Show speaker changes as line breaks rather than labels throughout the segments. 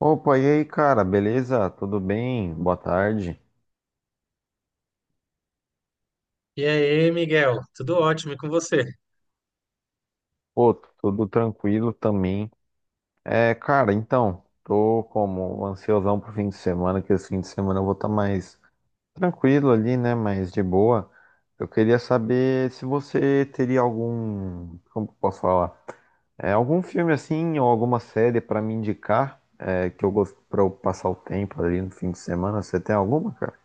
Opa, e aí, cara, beleza? Tudo bem? Boa tarde.
E aí, Miguel? Tudo ótimo e com você?
Pô, tudo tranquilo também. É, cara, então, tô como um ansiosão pro fim de semana, que esse fim de semana eu vou estar mais tranquilo ali, né? Mais de boa. Eu queria saber se você teria algum, como que eu posso falar? É, algum filme assim, ou alguma série pra me indicar, é, que eu gosto pra eu passar o tempo ali no fim de semana. Você tem alguma, cara?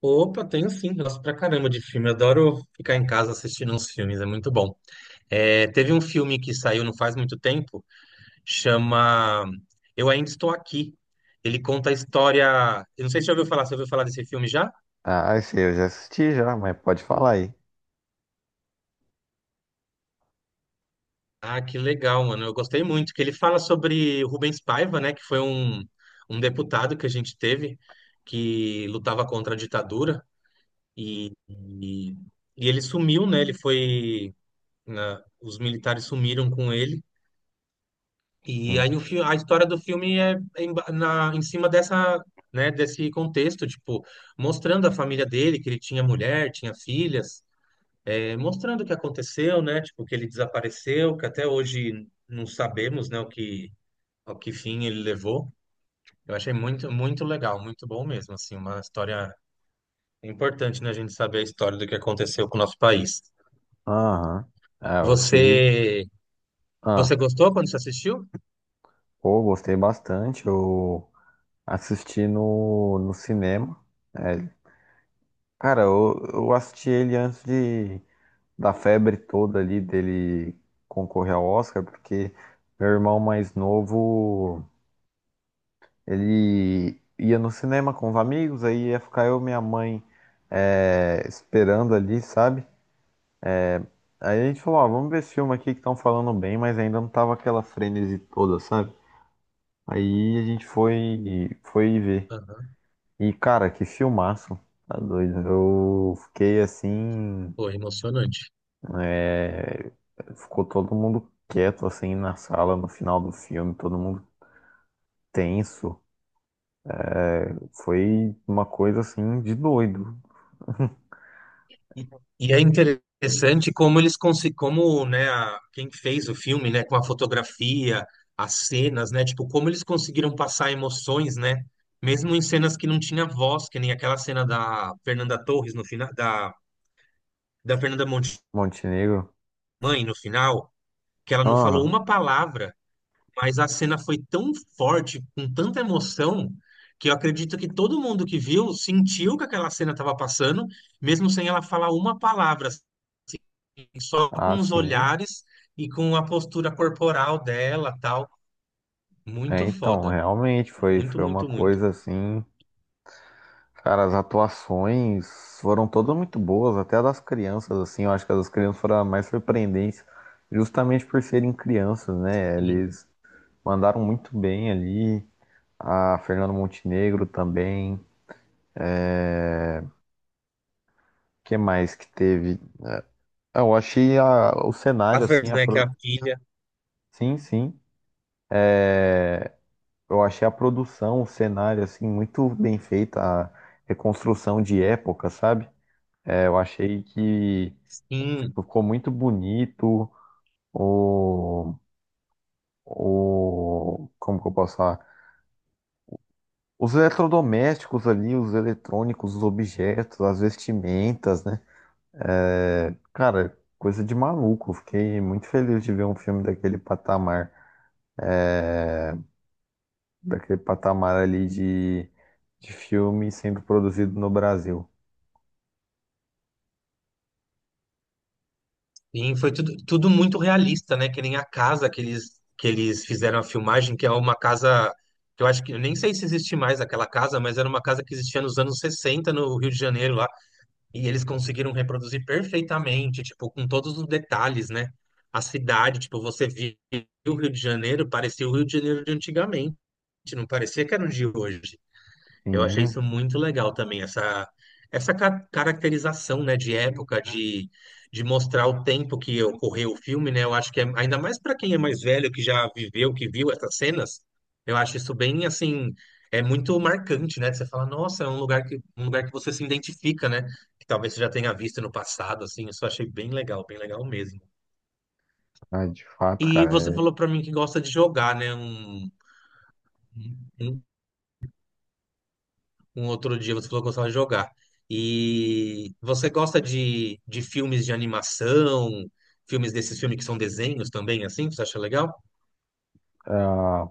Opa, tenho sim, gosto pra caramba de filme. Adoro ficar em casa assistindo uns filmes, é muito bom. É, teve um filme que saiu não faz muito tempo, chama Eu Ainda Estou Aqui. Ele conta a história. Eu não sei se você já ouviu falar, você ouviu falar desse filme já?
Ah, esse eu já assisti já, mas pode falar aí.
Ah, que legal, mano. Eu gostei muito, que ele fala sobre o Rubens Paiva, né? Que foi um deputado que a gente teve que lutava contra a ditadura e, e, e ele sumiu, né? Ele foi, né? Os militares sumiram com ele. E aí a história do filme é em cima dessa, né, desse contexto, tipo, mostrando a família dele, que ele tinha mulher, tinha filhas, mostrando o que aconteceu, né, tipo, que ele desapareceu, que até hoje não sabemos, né, o que fim ele levou. Eu achei muito, muito legal, muito bom mesmo, assim, uma história importante, né, a gente saber a história do que aconteceu com o nosso país.
Aham. É, eu tive.
Você, você
Ah,
gostou quando você assistiu?
pô, gostei bastante. Eu assisti no cinema. É, cara, eu assisti ele antes de, da febre toda ali dele concorrer ao Oscar, porque meu irmão mais novo, ele ia no cinema com os amigos, aí ia ficar eu e minha mãe esperando ali, sabe? Aí a gente falou, ó, vamos ver esse filme aqui que estão falando bem, mas ainda não tava aquela frenesi toda, sabe? Aí a gente foi ver.
Aham.
E, cara, que filmaço. Tá doido. Eu fiquei assim.
Foi emocionante.
é, Ficou todo mundo quieto, assim, na sala, no final do filme, todo mundo tenso. Foi uma coisa, assim, de doido.
E, e é interessante como eles conseguem, como, né, quem fez o filme, né, com a fotografia, as cenas, né, tipo, como eles conseguiram passar emoções, né, mesmo em cenas que não tinha voz, que nem aquela cena da Fernanda Torres no final, da Fernanda Monte
Montenegro.
no final, que ela não falou
Aham.
uma palavra, mas a cena foi tão forte, com tanta emoção, que eu acredito que todo mundo que viu sentiu que aquela cena estava passando, mesmo sem ela falar uma palavra, só
Ah,
com os
sim.
olhares e com a postura corporal dela, tal.
É,
Muito
então,
foda.
realmente foi,
Muito,
foi uma
muito, muito.
coisa assim. Cara, as atuações foram todas muito boas, até a das crianças, assim, eu acho que as das crianças foram as mais surpreendentes, justamente por serem crianças, né?
Sim.
Eles mandaram muito bem ali, a Fernanda Montenegro também. é... que mais que teve? Eu achei o
A
cenário, assim,
Fernanda, que é a filha,
sim, sim, eu achei a produção, o cenário, assim, muito bem feita, a reconstrução de época, sabe? É, eu achei que
sim,
ficou muito bonito, o, como que eu posso falar? Os eletrodomésticos ali, os eletrônicos, os objetos, as vestimentas, né? É, cara, coisa de maluco. Eu fiquei muito feliz de ver um filme daquele patamar ali de, filme sendo produzido no Brasil.
sim, foi tudo, tudo muito realista, né? Que nem a casa que eles fizeram a filmagem, que é uma casa que eu acho que eu nem sei se existe mais aquela casa, mas era uma casa que existia nos anos 60 no Rio de Janeiro, lá. E eles conseguiram reproduzir perfeitamente, tipo, com todos os detalhes, né? A cidade, tipo, você via o Rio de Janeiro, parecia o Rio de Janeiro de antigamente, não parecia que era o de hoje. Eu achei
Sim,
isso muito legal também, essa caracterização, né, de época, de mostrar o tempo que ocorreu o filme, né? Eu acho que é, ainda mais para quem é mais velho, que já viveu, que viu essas cenas, eu acho isso bem assim, é muito marcante, né? Você fala, nossa, é um lugar que você se identifica, né? Que talvez você já tenha visto no passado, assim, isso eu achei bem legal mesmo.
ah, de fato,
E
cara.
você falou para mim que gosta de jogar, né? Um um outro dia você falou que gostava de jogar. E você gosta de filmes de animação, filmes desses filmes que são desenhos também, assim? Você acha legal?
Ah,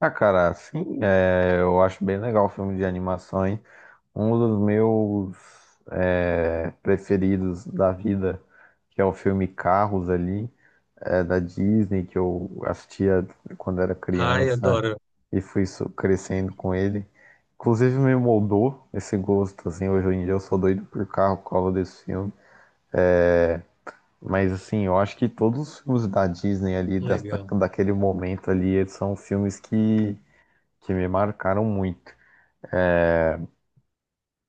ah, cara, sim, eu acho bem legal o filme de animação, hein? Um dos meus preferidos da vida, que é o filme Carros ali, da Disney, que eu assistia quando era
Ai,
criança
adoro.
e fui crescendo com ele. Inclusive me moldou esse gosto, assim, hoje em dia eu sou doido por carro por causa desse filme. É, mas assim, eu acho que todos os filmes da Disney ali, dessa,
Legal.
daquele momento ali, eles são filmes que me marcaram muito.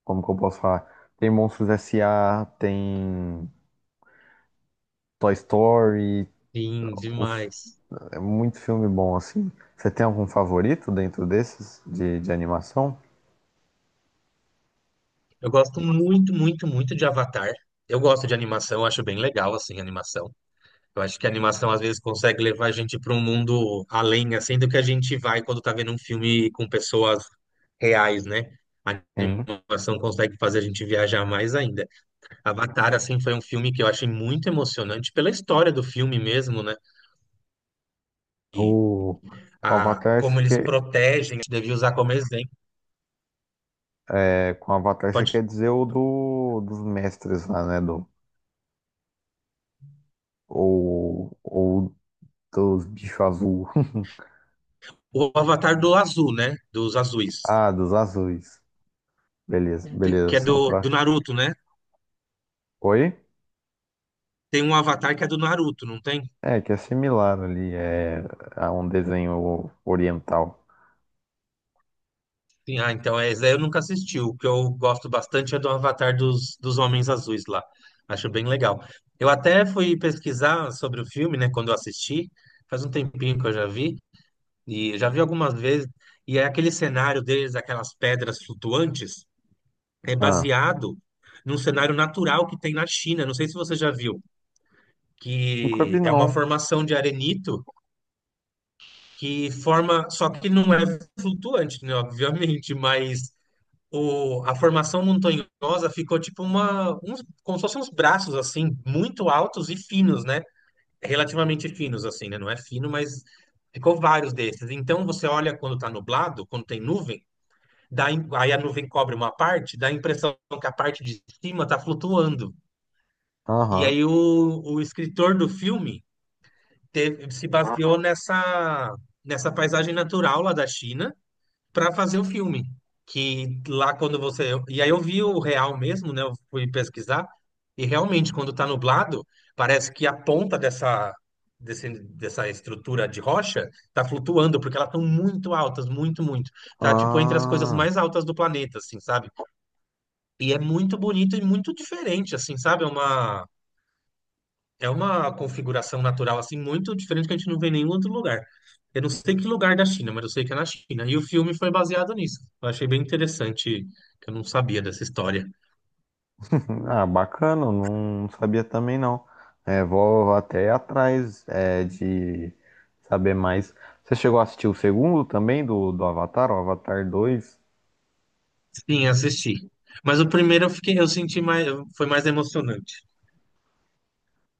Como que eu posso falar? Tem Monstros S.A. tem Toy Story,
Sim,
os-
demais.
é muito filme bom, assim. Você tem algum favorito dentro desses de animação?
Eu gosto muito, muito, muito de Avatar. Eu gosto de animação, eu acho bem legal, assim, a animação. Eu acho que a animação às vezes consegue levar a gente para um mundo além, assim, do que a gente vai quando tá vendo um filme com pessoas reais, né? A
Sim.
animação consegue fazer a gente viajar mais ainda. Avatar, assim, foi um filme que eu achei muito emocionante pela história do filme mesmo, né? E
O, com Avatar
como
você
eles
quer,
protegem, a gente devia usar como exemplo.
é, com Avatar você
Pode,
quer dizer o dos mestres lá, né? Ou dos bichos azul.
o Avatar do Azul, né? Dos azuis.
Ah, dos azuis. Beleza, beleza.
Que é
Só
do
pra.
Naruto, né?
Oi?
Tem um Avatar que é do Naruto, não tem?
É, que é similar ali, é a um desenho oriental.
Sim, ah, então é, esse aí eu nunca assisti. O que eu gosto bastante é do Avatar dos Homens Azuis lá. Acho bem legal. Eu até fui pesquisar sobre o filme, né? Quando eu assisti, faz um tempinho que eu já vi. E eu já vi algumas vezes, e é aquele cenário deles, aquelas pedras flutuantes, é
Ah,
baseado num cenário natural que tem na China. Não sei se você já viu,
nunca
que
vi
é uma
não.
formação de arenito que forma, só que não é flutuante, né, obviamente, mas a formação montanhosa ficou tipo uns, como se fossem uns braços assim, muito altos e finos, né? Relativamente finos assim, né? Não é fino, mas ficou vários desses. Então você olha quando tá nublado, quando tem nuvem, aí a nuvem cobre uma parte, dá a impressão que a parte de cima está flutuando. E
Aham.
aí o escritor do filme se baseou nessa paisagem natural lá da China para fazer o filme. Que lá quando você. E aí eu vi o real mesmo, né? Eu fui pesquisar. E realmente, quando está nublado, parece que a ponta dessa estrutura de rocha está flutuando, porque elas estão muito altas, muito, muito. Tá tipo entre as coisas
Ah,
mais altas do planeta, assim, sabe? E é muito bonito e muito diferente, assim, sabe? É uma configuração natural, assim, muito diferente que a gente não vê em nenhum outro lugar. Eu não sei que lugar da China, mas eu sei que é na China. E o filme foi baseado nisso. Eu achei bem interessante, que eu não sabia dessa história.
ah, bacana, não sabia também não. É, vou até atrás de saber mais. Você chegou a assistir o segundo também do Avatar, o Avatar 2?
Sim, assisti. Mas o primeiro eu senti mais, foi mais emocionante.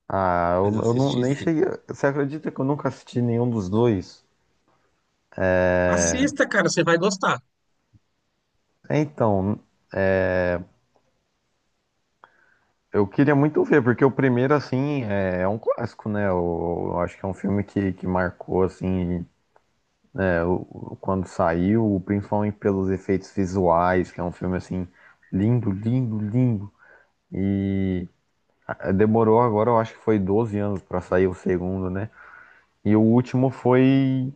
Ah,
Mas
eu,
eu
eu não,
assisti,
nem
sim.
cheguei. Você acredita que eu nunca assisti nenhum dos dois?
Assista, cara, você vai gostar.
É, então, eu queria muito ver, porque o primeiro, assim, é um clássico, né? Eu acho que é um filme que marcou, assim. É, quando saiu, principalmente pelos efeitos visuais, que é um filme assim lindo, lindo, lindo. E demorou agora, eu acho que foi 12 anos pra sair o segundo, né? E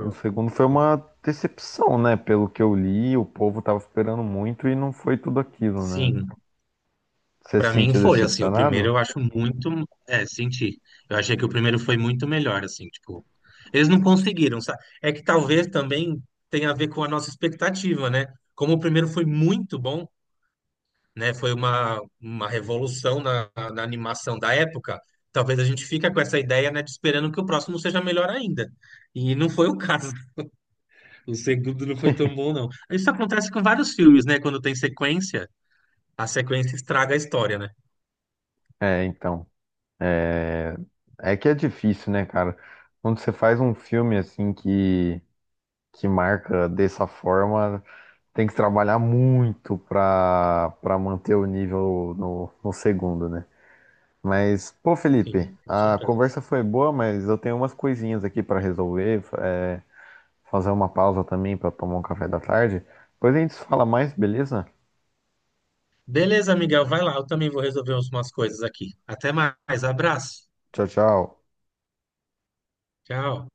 o segundo foi uma decepção, né? Pelo que eu li, o povo tava esperando muito e não foi tudo aquilo, né?
Sim.
Você se
Pra mim
sentiu
foi, assim, o primeiro
decepcionado?
eu acho muito, senti. Eu achei que o primeiro foi muito melhor, assim, tipo, eles não conseguiram, sabe? É que talvez também tenha a ver com a nossa expectativa, né? Como o primeiro foi muito bom, né? Foi uma revolução na animação da época, talvez a gente fica com essa ideia, né, de esperando que o próximo seja melhor ainda. E não foi o caso. O segundo não foi tão bom, não. Isso acontece com vários filmes, né? Quando tem sequência, a sequência estraga a história, né?
É, então. É é que é difícil, né, cara? Quando você faz um filme assim que marca dessa forma, tem que trabalhar muito pra manter o nível no segundo, né? Mas, pô, Felipe,
Sim, com
a
certeza.
conversa foi boa, mas eu tenho umas coisinhas aqui pra resolver, fazer uma pausa também pra tomar um café da tarde. Depois a gente se fala mais, beleza?
Beleza, Miguel, vai lá. Eu também vou resolver umas coisas aqui. Até mais. Abraço.
Tchau, tchau.
Tchau.